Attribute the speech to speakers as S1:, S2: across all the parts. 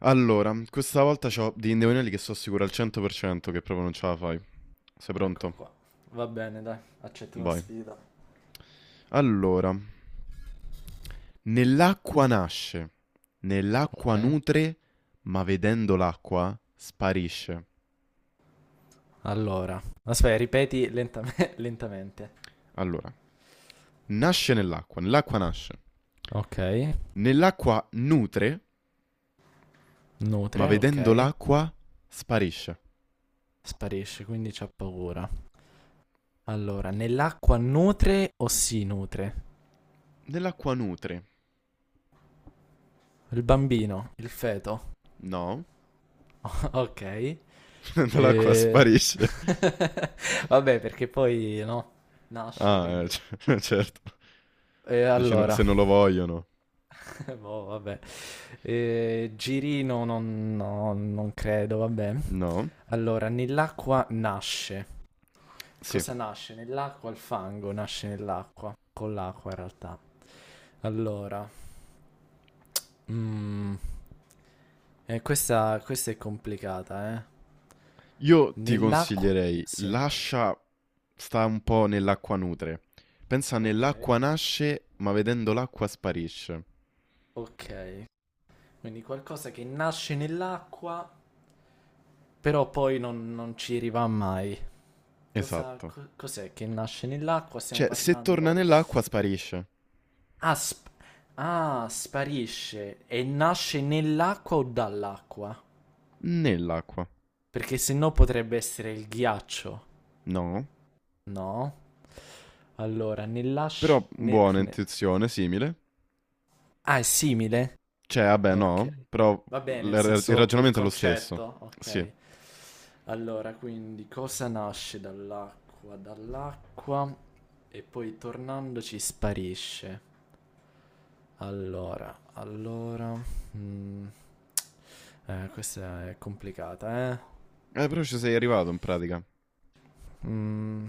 S1: Allora, questa volta c'ho degli indovinelli che sono sicuro al 100% che proprio non ce la fai. Sei
S2: Ecco
S1: pronto?
S2: qua. Va bene, dai, accetto la
S1: Vai.
S2: sfida.
S1: Allora, nell'acqua nasce, nell'acqua
S2: Ok,
S1: nutre, ma vedendo l'acqua sparisce.
S2: Aspetta, ripeti lentamente.
S1: Allora, nasce nell'acqua, nell'acqua nasce,
S2: Ok.
S1: nell'acqua nutre, ma
S2: Nutre, ok.
S1: vedendo l'acqua sparisce.
S2: Sparisce, quindi c'ha paura. Allora, nell'acqua nutre o si nutre?
S1: Nell'acqua nutre?
S2: Il bambino, il feto,
S1: No,
S2: ok.
S1: nell'acqua
S2: E...
S1: sparisce.
S2: vabbè, perché poi no, nasce,
S1: Ah,
S2: quindi...
S1: certo.
S2: E
S1: Dici
S2: allora,
S1: se non lo vogliono.
S2: boh, vabbè. E Girino non, no, non credo, vabbè.
S1: No,
S2: Allora, nell'acqua nasce.
S1: sì.
S2: Cosa nasce? Nell'acqua il fango nasce nell'acqua. Con l'acqua in realtà. Allora, mm, questa è complicata, eh.
S1: Io ti
S2: Nell'acqua...
S1: consiglierei,
S2: Sì,
S1: lascia, sta un po' nell'acqua nutre. Pensa
S2: ok.
S1: nell'acqua nasce, ma vedendo l'acqua sparisce.
S2: Ok. Quindi qualcosa che nasce nell'acqua, però poi non, non ci arriva mai. Cosa,
S1: Esatto.
S2: cos'è che nasce nell'acqua? Stiamo
S1: Cioè, se torna
S2: parlando...
S1: nell'acqua sparisce.
S2: Ah, ah, sparisce. E nasce nell'acqua o dall'acqua?
S1: Nell'acqua.
S2: Perché se no potrebbe essere il ghiaccio,
S1: No.
S2: no? Allora, nella... sci-
S1: Però
S2: ne-
S1: buona
S2: ne-
S1: intuizione, simile.
S2: ah, è simile?
S1: Cioè, vabbè,
S2: Ok.
S1: no. Però
S2: Va bene, nel
S1: il
S2: senso il
S1: ragionamento è lo stesso.
S2: concetto,
S1: Sì.
S2: ok. Allora, quindi cosa nasce dall'acqua? Dall'acqua e poi tornandoci sparisce. Allora, allora... mm. Questa è complicata, eh?
S1: Però ci sei arrivato in pratica.
S2: Mm,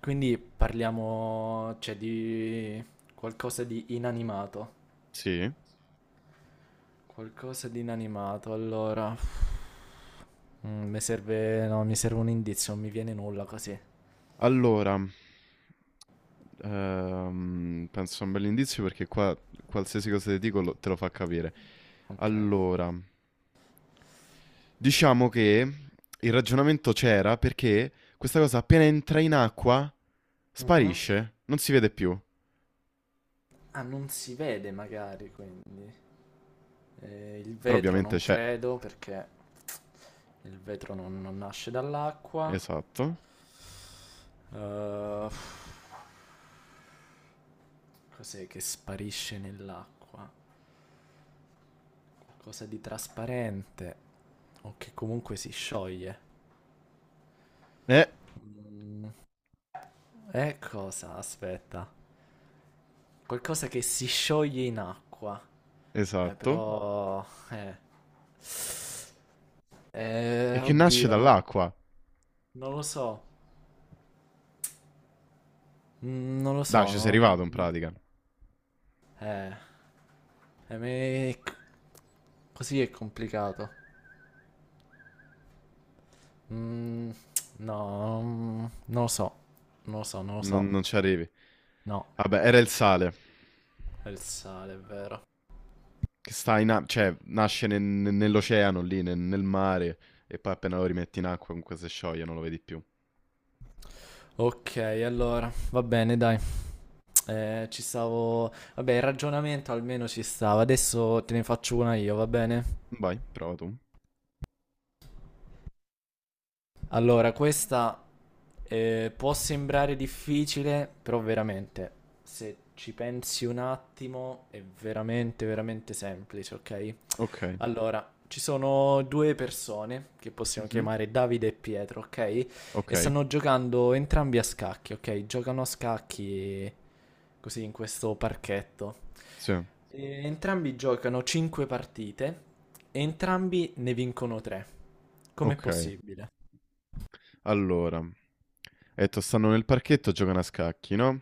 S2: quindi parliamo, cioè, di qualcosa di inanimato.
S1: Sì.
S2: Qualcosa di inanimato, allora. Mm, mi serve un indizio, non mi viene nulla così.
S1: Allora, penso sia un bell'indizio perché qua qualsiasi cosa ti dico te lo fa capire.
S2: Ok.
S1: Allora, diciamo che il ragionamento c'era perché questa cosa appena entra in acqua
S2: Mhm.
S1: sparisce, non si vede più.
S2: Ah, non si vede magari, quindi. Il
S1: Però
S2: vetro
S1: ovviamente
S2: non
S1: c'è.
S2: credo perché il vetro non, non nasce dall'acqua.
S1: Esatto.
S2: Eh, cos'è che sparisce nell'acqua? Cosa di trasparente o che comunque si scioglie.
S1: Eh,
S2: E cosa? Aspetta. Qualcosa che si scioglie in acqua.
S1: esatto.
S2: Però... Eh.
S1: E che nasce
S2: Oddio, non,
S1: dall'acqua.
S2: non lo so. Mm, non lo
S1: Dai,
S2: so,
S1: ci sei
S2: non...
S1: arrivato in pratica.
S2: Eh. Eh, me- così è complicato. Mm, no, non lo so. Non lo so, non lo so.
S1: Non ci arrivi.
S2: No,
S1: Vabbè, era il sale.
S2: è il sale, è vero.
S1: Che sta in acqua, cioè nasce nell'oceano lì, nel mare, e poi appena lo rimetti in acqua comunque si scioglie, non lo vedi più.
S2: Ok, allora, va bene, dai. Ci stavo... Vabbè, il ragionamento almeno ci stava. Adesso te ne faccio una io, va bene?
S1: Vai, prova tu.
S2: Allora, questa può sembrare difficile, però veramente, se ci pensi un attimo, è veramente, veramente semplice, ok?
S1: Ok.
S2: Allora, ci sono due persone che possiamo
S1: Mhm.
S2: chiamare Davide e Pietro, ok?
S1: Ok.
S2: E stanno giocando entrambi a scacchi, ok? Giocano a scacchi così in questo parchetto.
S1: Sì.
S2: E entrambi giocano 5 partite e entrambi ne vincono 3. Com'è
S1: Ok.
S2: possibile?
S1: Allora. Hai detto stanno nel parchetto, giocano a scacchi, no?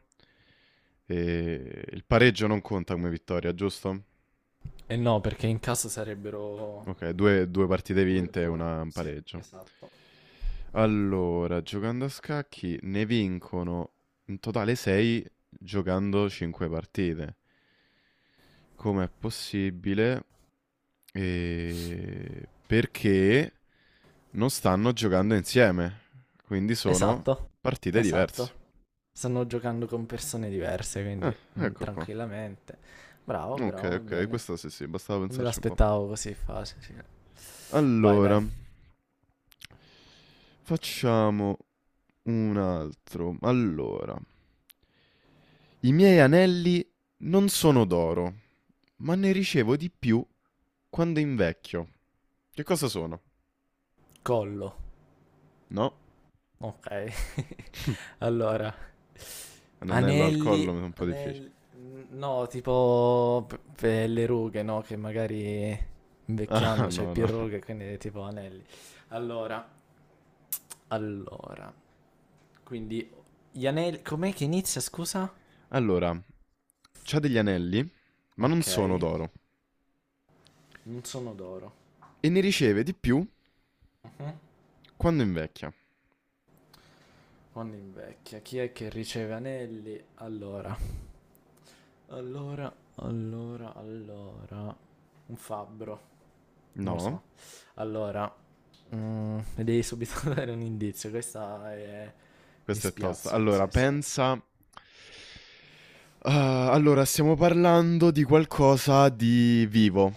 S1: E il pareggio non conta come vittoria, giusto?
S2: E no, perché in caso sarebbero
S1: Ok, due, due partite vinte e
S2: 2-2.
S1: una un
S2: Sì,
S1: pareggio.
S2: esatto.
S1: Allora, giocando a scacchi ne vincono in totale 6 giocando 5 partite. Com'è possibile? E perché non stanno giocando insieme, quindi sono
S2: Esatto,
S1: partite diverse.
S2: esatto. Stanno giocando con persone diverse,
S1: Ah,
S2: quindi mm,
S1: ecco qua.
S2: tranquillamente. Bravo,
S1: Ok,
S2: bravo, va
S1: ok,
S2: bene.
S1: questa sì, sì, bastava
S2: Non me
S1: pensarci un po'.
S2: l'aspettavo così facile. Vai,
S1: Allora,
S2: dai.
S1: facciamo un altro. Allora, i miei anelli non sono d'oro, ma ne ricevo di più quando invecchio. Che cosa sono?
S2: Collo.
S1: No?
S2: Ok. Allora,
S1: Un anello al collo mi è un po' difficile.
S2: anelli, no, tipo per le rughe, no? Che magari
S1: Ah,
S2: invecchiando c'hai
S1: no,
S2: più
S1: no.
S2: rughe, quindi tipo anelli. Allora, allora, quindi gli anelli, com'è che inizia, scusa?
S1: Allora, c'ha degli anelli, ma non
S2: Ok,
S1: sono d'oro.
S2: non sono d'oro.
S1: E ne riceve di più
S2: Mhm.
S1: quando invecchia.
S2: Quando invecchia, chi è che riceve anelli? Allora, allora, allora, un fabbro, non lo
S1: No,
S2: so. Allora, mm, mi devi subito dare un indizio. Questa è... mi
S1: questa è tosta.
S2: spiazza
S1: Allora,
S2: così, sì.
S1: pensa... Ah, allora, stiamo parlando di qualcosa di vivo,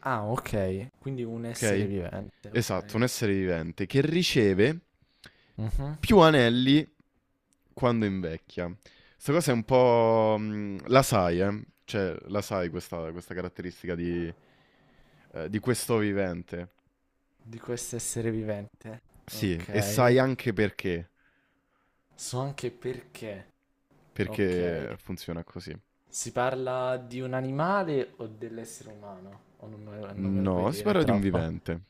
S2: Ah, ok. Quindi un essere
S1: ok?
S2: vivente, ok.
S1: Esatto, un essere vivente che riceve
S2: Mhm.
S1: più anelli quando invecchia. Questa cosa è un po'... la sai, eh? Cioè, la sai questa, questa caratteristica di questo vivente.
S2: Di questo essere vivente.
S1: Sì, e
S2: Ok.
S1: sai anche perché.
S2: So anche perché. Ok.
S1: Perché funziona così.
S2: Si parla di un animale o dell'essere umano? O non me lo puoi
S1: No, si
S2: dire, è
S1: parla di un
S2: troppo.
S1: vivente,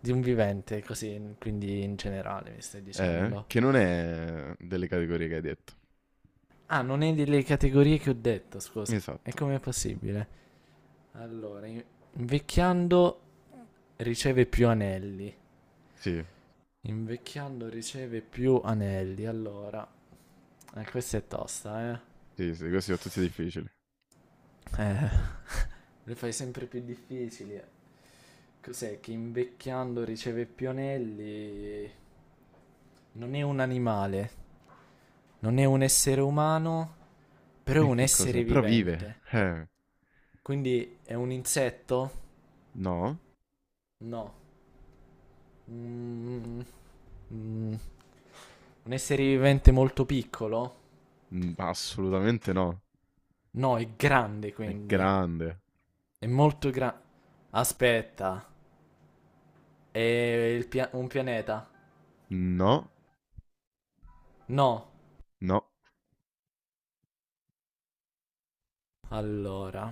S2: Di un vivente, così, quindi in generale mi stai dicendo.
S1: che non è delle categorie che hai detto.
S2: Ah, non è delle categorie che ho detto, scusa. E
S1: Esatto.
S2: com'è possibile? Allora, invecchiando riceve più anelli.
S1: Sì,
S2: Invecchiando riceve più anelli. Allora, questa è tosta, eh.
S1: sì, sì, questi sono tutti difficili.
S2: Eh, le fai sempre più difficili. Cos'è che invecchiando riceve più anelli? Non è un animale, non è un essere umano, però
S1: E
S2: è un
S1: che cos'è?
S2: essere
S1: Però vive.
S2: vivente. Quindi è un insetto?
S1: No,
S2: No. Mm, mm, mm. Un essere vivente molto piccolo?
S1: Mm, assolutamente no.
S2: No, è grande
S1: È
S2: quindi.
S1: grande.
S2: È molto grande. Aspetta, è il un pianeta?
S1: No,
S2: No.
S1: no,
S2: Allora,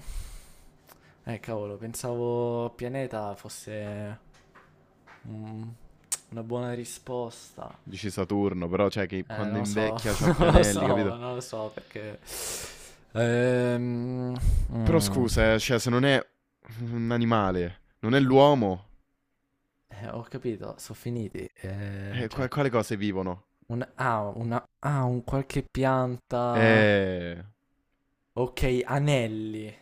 S2: cavolo, pensavo pianeta fosse un- una buona risposta.
S1: dici Saturno, però cioè che quando
S2: Non lo so,
S1: invecchia c'ha
S2: non lo
S1: pianelli,
S2: so,
S1: capito?
S2: non lo so perché... Ehm,
S1: Però
S2: mm.
S1: scusa, cioè se non è un animale, non è l'uomo,
S2: Ho capito, sono finiti. Cioè,
S1: quale cose vivono?
S2: un, ah, una, ah, un qualche pianta.
S1: Eh,
S2: Ok, anelli.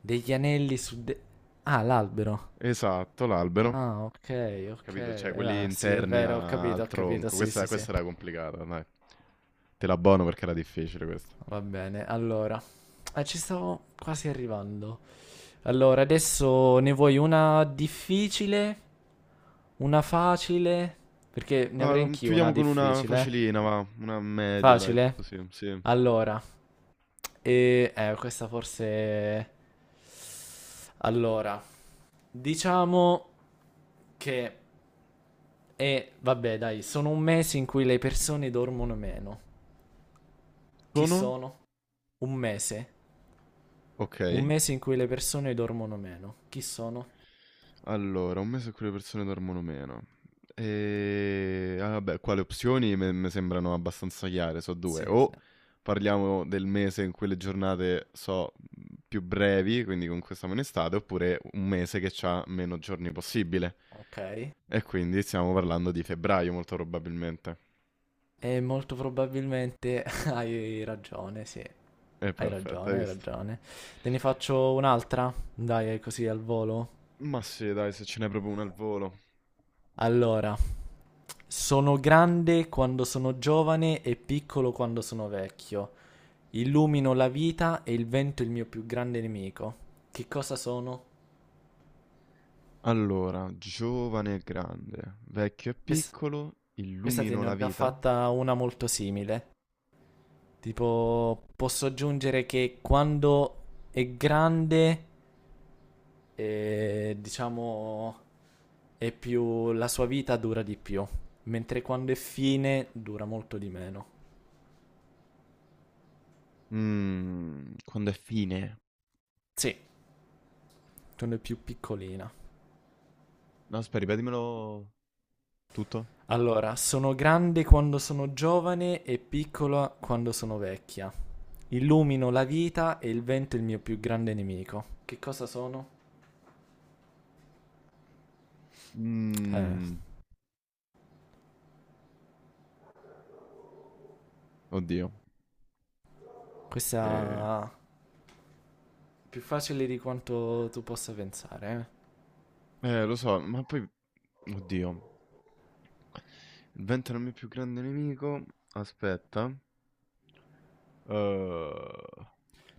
S2: Degli anelli ah, l'albero.
S1: esatto, l'albero,
S2: Ah, ok, ok.
S1: capito? Cioè quelli
S2: Ah, sì, è
S1: interni
S2: vero, ho capito,
S1: al
S2: ho capito.
S1: tronco,
S2: Sì,
S1: questa,
S2: sì, sì.
S1: questa era complicata, dai. Te la buono perché era difficile questa.
S2: Va bene. Allora, ci stavo quasi arrivando. Allora, adesso ne vuoi una difficile? Una facile? Perché ne
S1: Va,
S2: avrei anch'io una
S1: chiudiamo con una
S2: difficile.
S1: facilina, va, una media, dai,
S2: Facile?
S1: così, sì.
S2: Allora, questa forse. Allora, diciamo che. Vabbè, dai, sono un mese in cui le persone dormono meno. Chi
S1: Sono?
S2: sono? Un mese.
S1: Ok.
S2: Un mese in cui le persone dormono meno. Chi sono?
S1: Allora, un mese in cui le persone dormono meno. E ah, vabbè, qua le opzioni mi sembrano abbastanza chiare, so due.
S2: Sì, sì.
S1: O parliamo del mese in cui le giornate so più brevi, quindi comunque siamo in estate, oppure un mese che ha meno giorni possibile.
S2: Ok.
S1: E quindi stiamo parlando di febbraio, molto probabilmente.
S2: E molto probabilmente hai ragione, sì.
S1: È
S2: Hai
S1: perfetto, hai
S2: ragione, hai
S1: visto?
S2: ragione. Te ne faccio un'altra? Dai, così al volo.
S1: Ma sì, dai, se ce n'è proprio una al volo.
S2: Allora, sono grande quando sono giovane e piccolo quando sono vecchio. Illumino la vita e il vento è il mio più grande nemico. Che cosa sono?
S1: Allora, giovane e grande, vecchio e
S2: Questa,
S1: piccolo,
S2: questa te
S1: illumino
S2: ne
S1: la
S2: ho già
S1: vita?
S2: fatta una molto simile. Tipo, posso aggiungere che quando è grande, diciamo, la sua vita dura di più, mentre quando è fine dura molto di meno.
S1: Mmm, quando è fine?
S2: Sì, quando è più piccolina.
S1: No, aspetta, ripetimelo tutto.
S2: Allora, sono grande quando sono giovane e piccola quando sono vecchia. Illumino la vita e il vento è il mio più grande nemico. Che cosa sono? Eh,
S1: Mmm, oddio. Eh,
S2: questa è più facile di quanto tu possa pensare, eh.
S1: lo so, ma poi... Oddio. Il vento è il mio più grande nemico. Aspetta. Eh,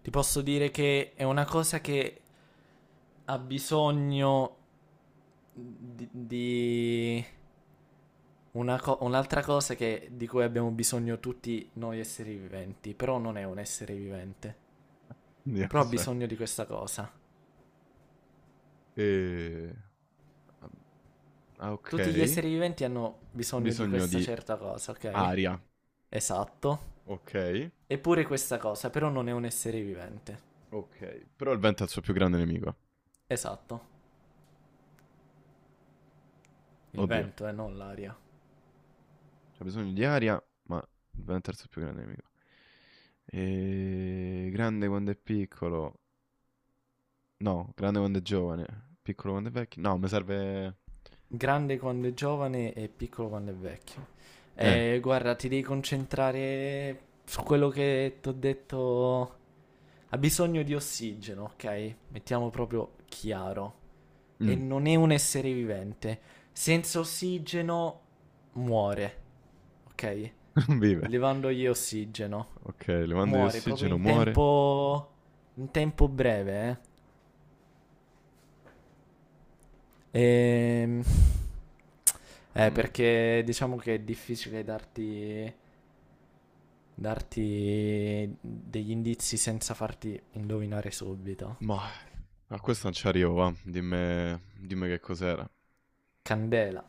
S2: Ti posso dire che è una cosa che ha bisogno di una un'altra cosa di cui abbiamo bisogno tutti noi esseri viventi, però non è un essere vivente,
S1: Oddio,
S2: però ha
S1: aspetta.
S2: bisogno di questa cosa.
S1: Eh, ah, ok.
S2: Tutti gli esseri viventi hanno bisogno di
S1: Bisogno
S2: questa
S1: di
S2: certa cosa, ok?
S1: aria.
S2: Esatto.
S1: Ok.
S2: Eppure questa cosa, però non è un essere vivente.
S1: Ok. Però il vento è il suo più grande nemico.
S2: Esatto. Il
S1: Oddio.
S2: vento e non l'aria.
S1: C'ha bisogno di aria, ma è il terzo più grande nemico. E... Grande quando è piccolo. No, grande quando è giovane. Piccolo quando è vecchio. No, mi serve...
S2: Grande quando è giovane e piccolo quando è vecchio.
S1: Eh,
S2: Guarda, ti devi concentrare su quello che ti ho detto. Ha bisogno di ossigeno, ok? Mettiamo proprio chiaro. E
S1: mm,
S2: non è un essere vivente. Senza ossigeno muore, ok?
S1: vive.
S2: Levandogli ossigeno.
S1: Ok, le mando di
S2: Muore proprio
S1: ossigeno, muore.
S2: in tempo breve, eh.
S1: Mm,
S2: Perché diciamo che è difficile darti degli indizi senza farti indovinare subito.
S1: Ma a questo non ci arrivo, va. Dimmi, dimmi che cos'era.
S2: Candela,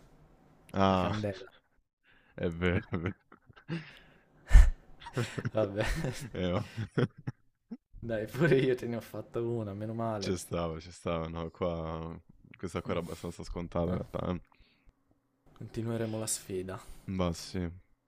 S2: la
S1: Ah,
S2: candela.
S1: è vero, è vero.
S2: Vabbè,
S1: Oh.
S2: dai, pure io te ne ho fatta una, meno male.
S1: Ci stava, no, qua... Questa qua
S2: Mm,
S1: era abbastanza scontata in
S2: ah,
S1: realtà. Eh.
S2: continueremo la sfida.
S1: Ma sì.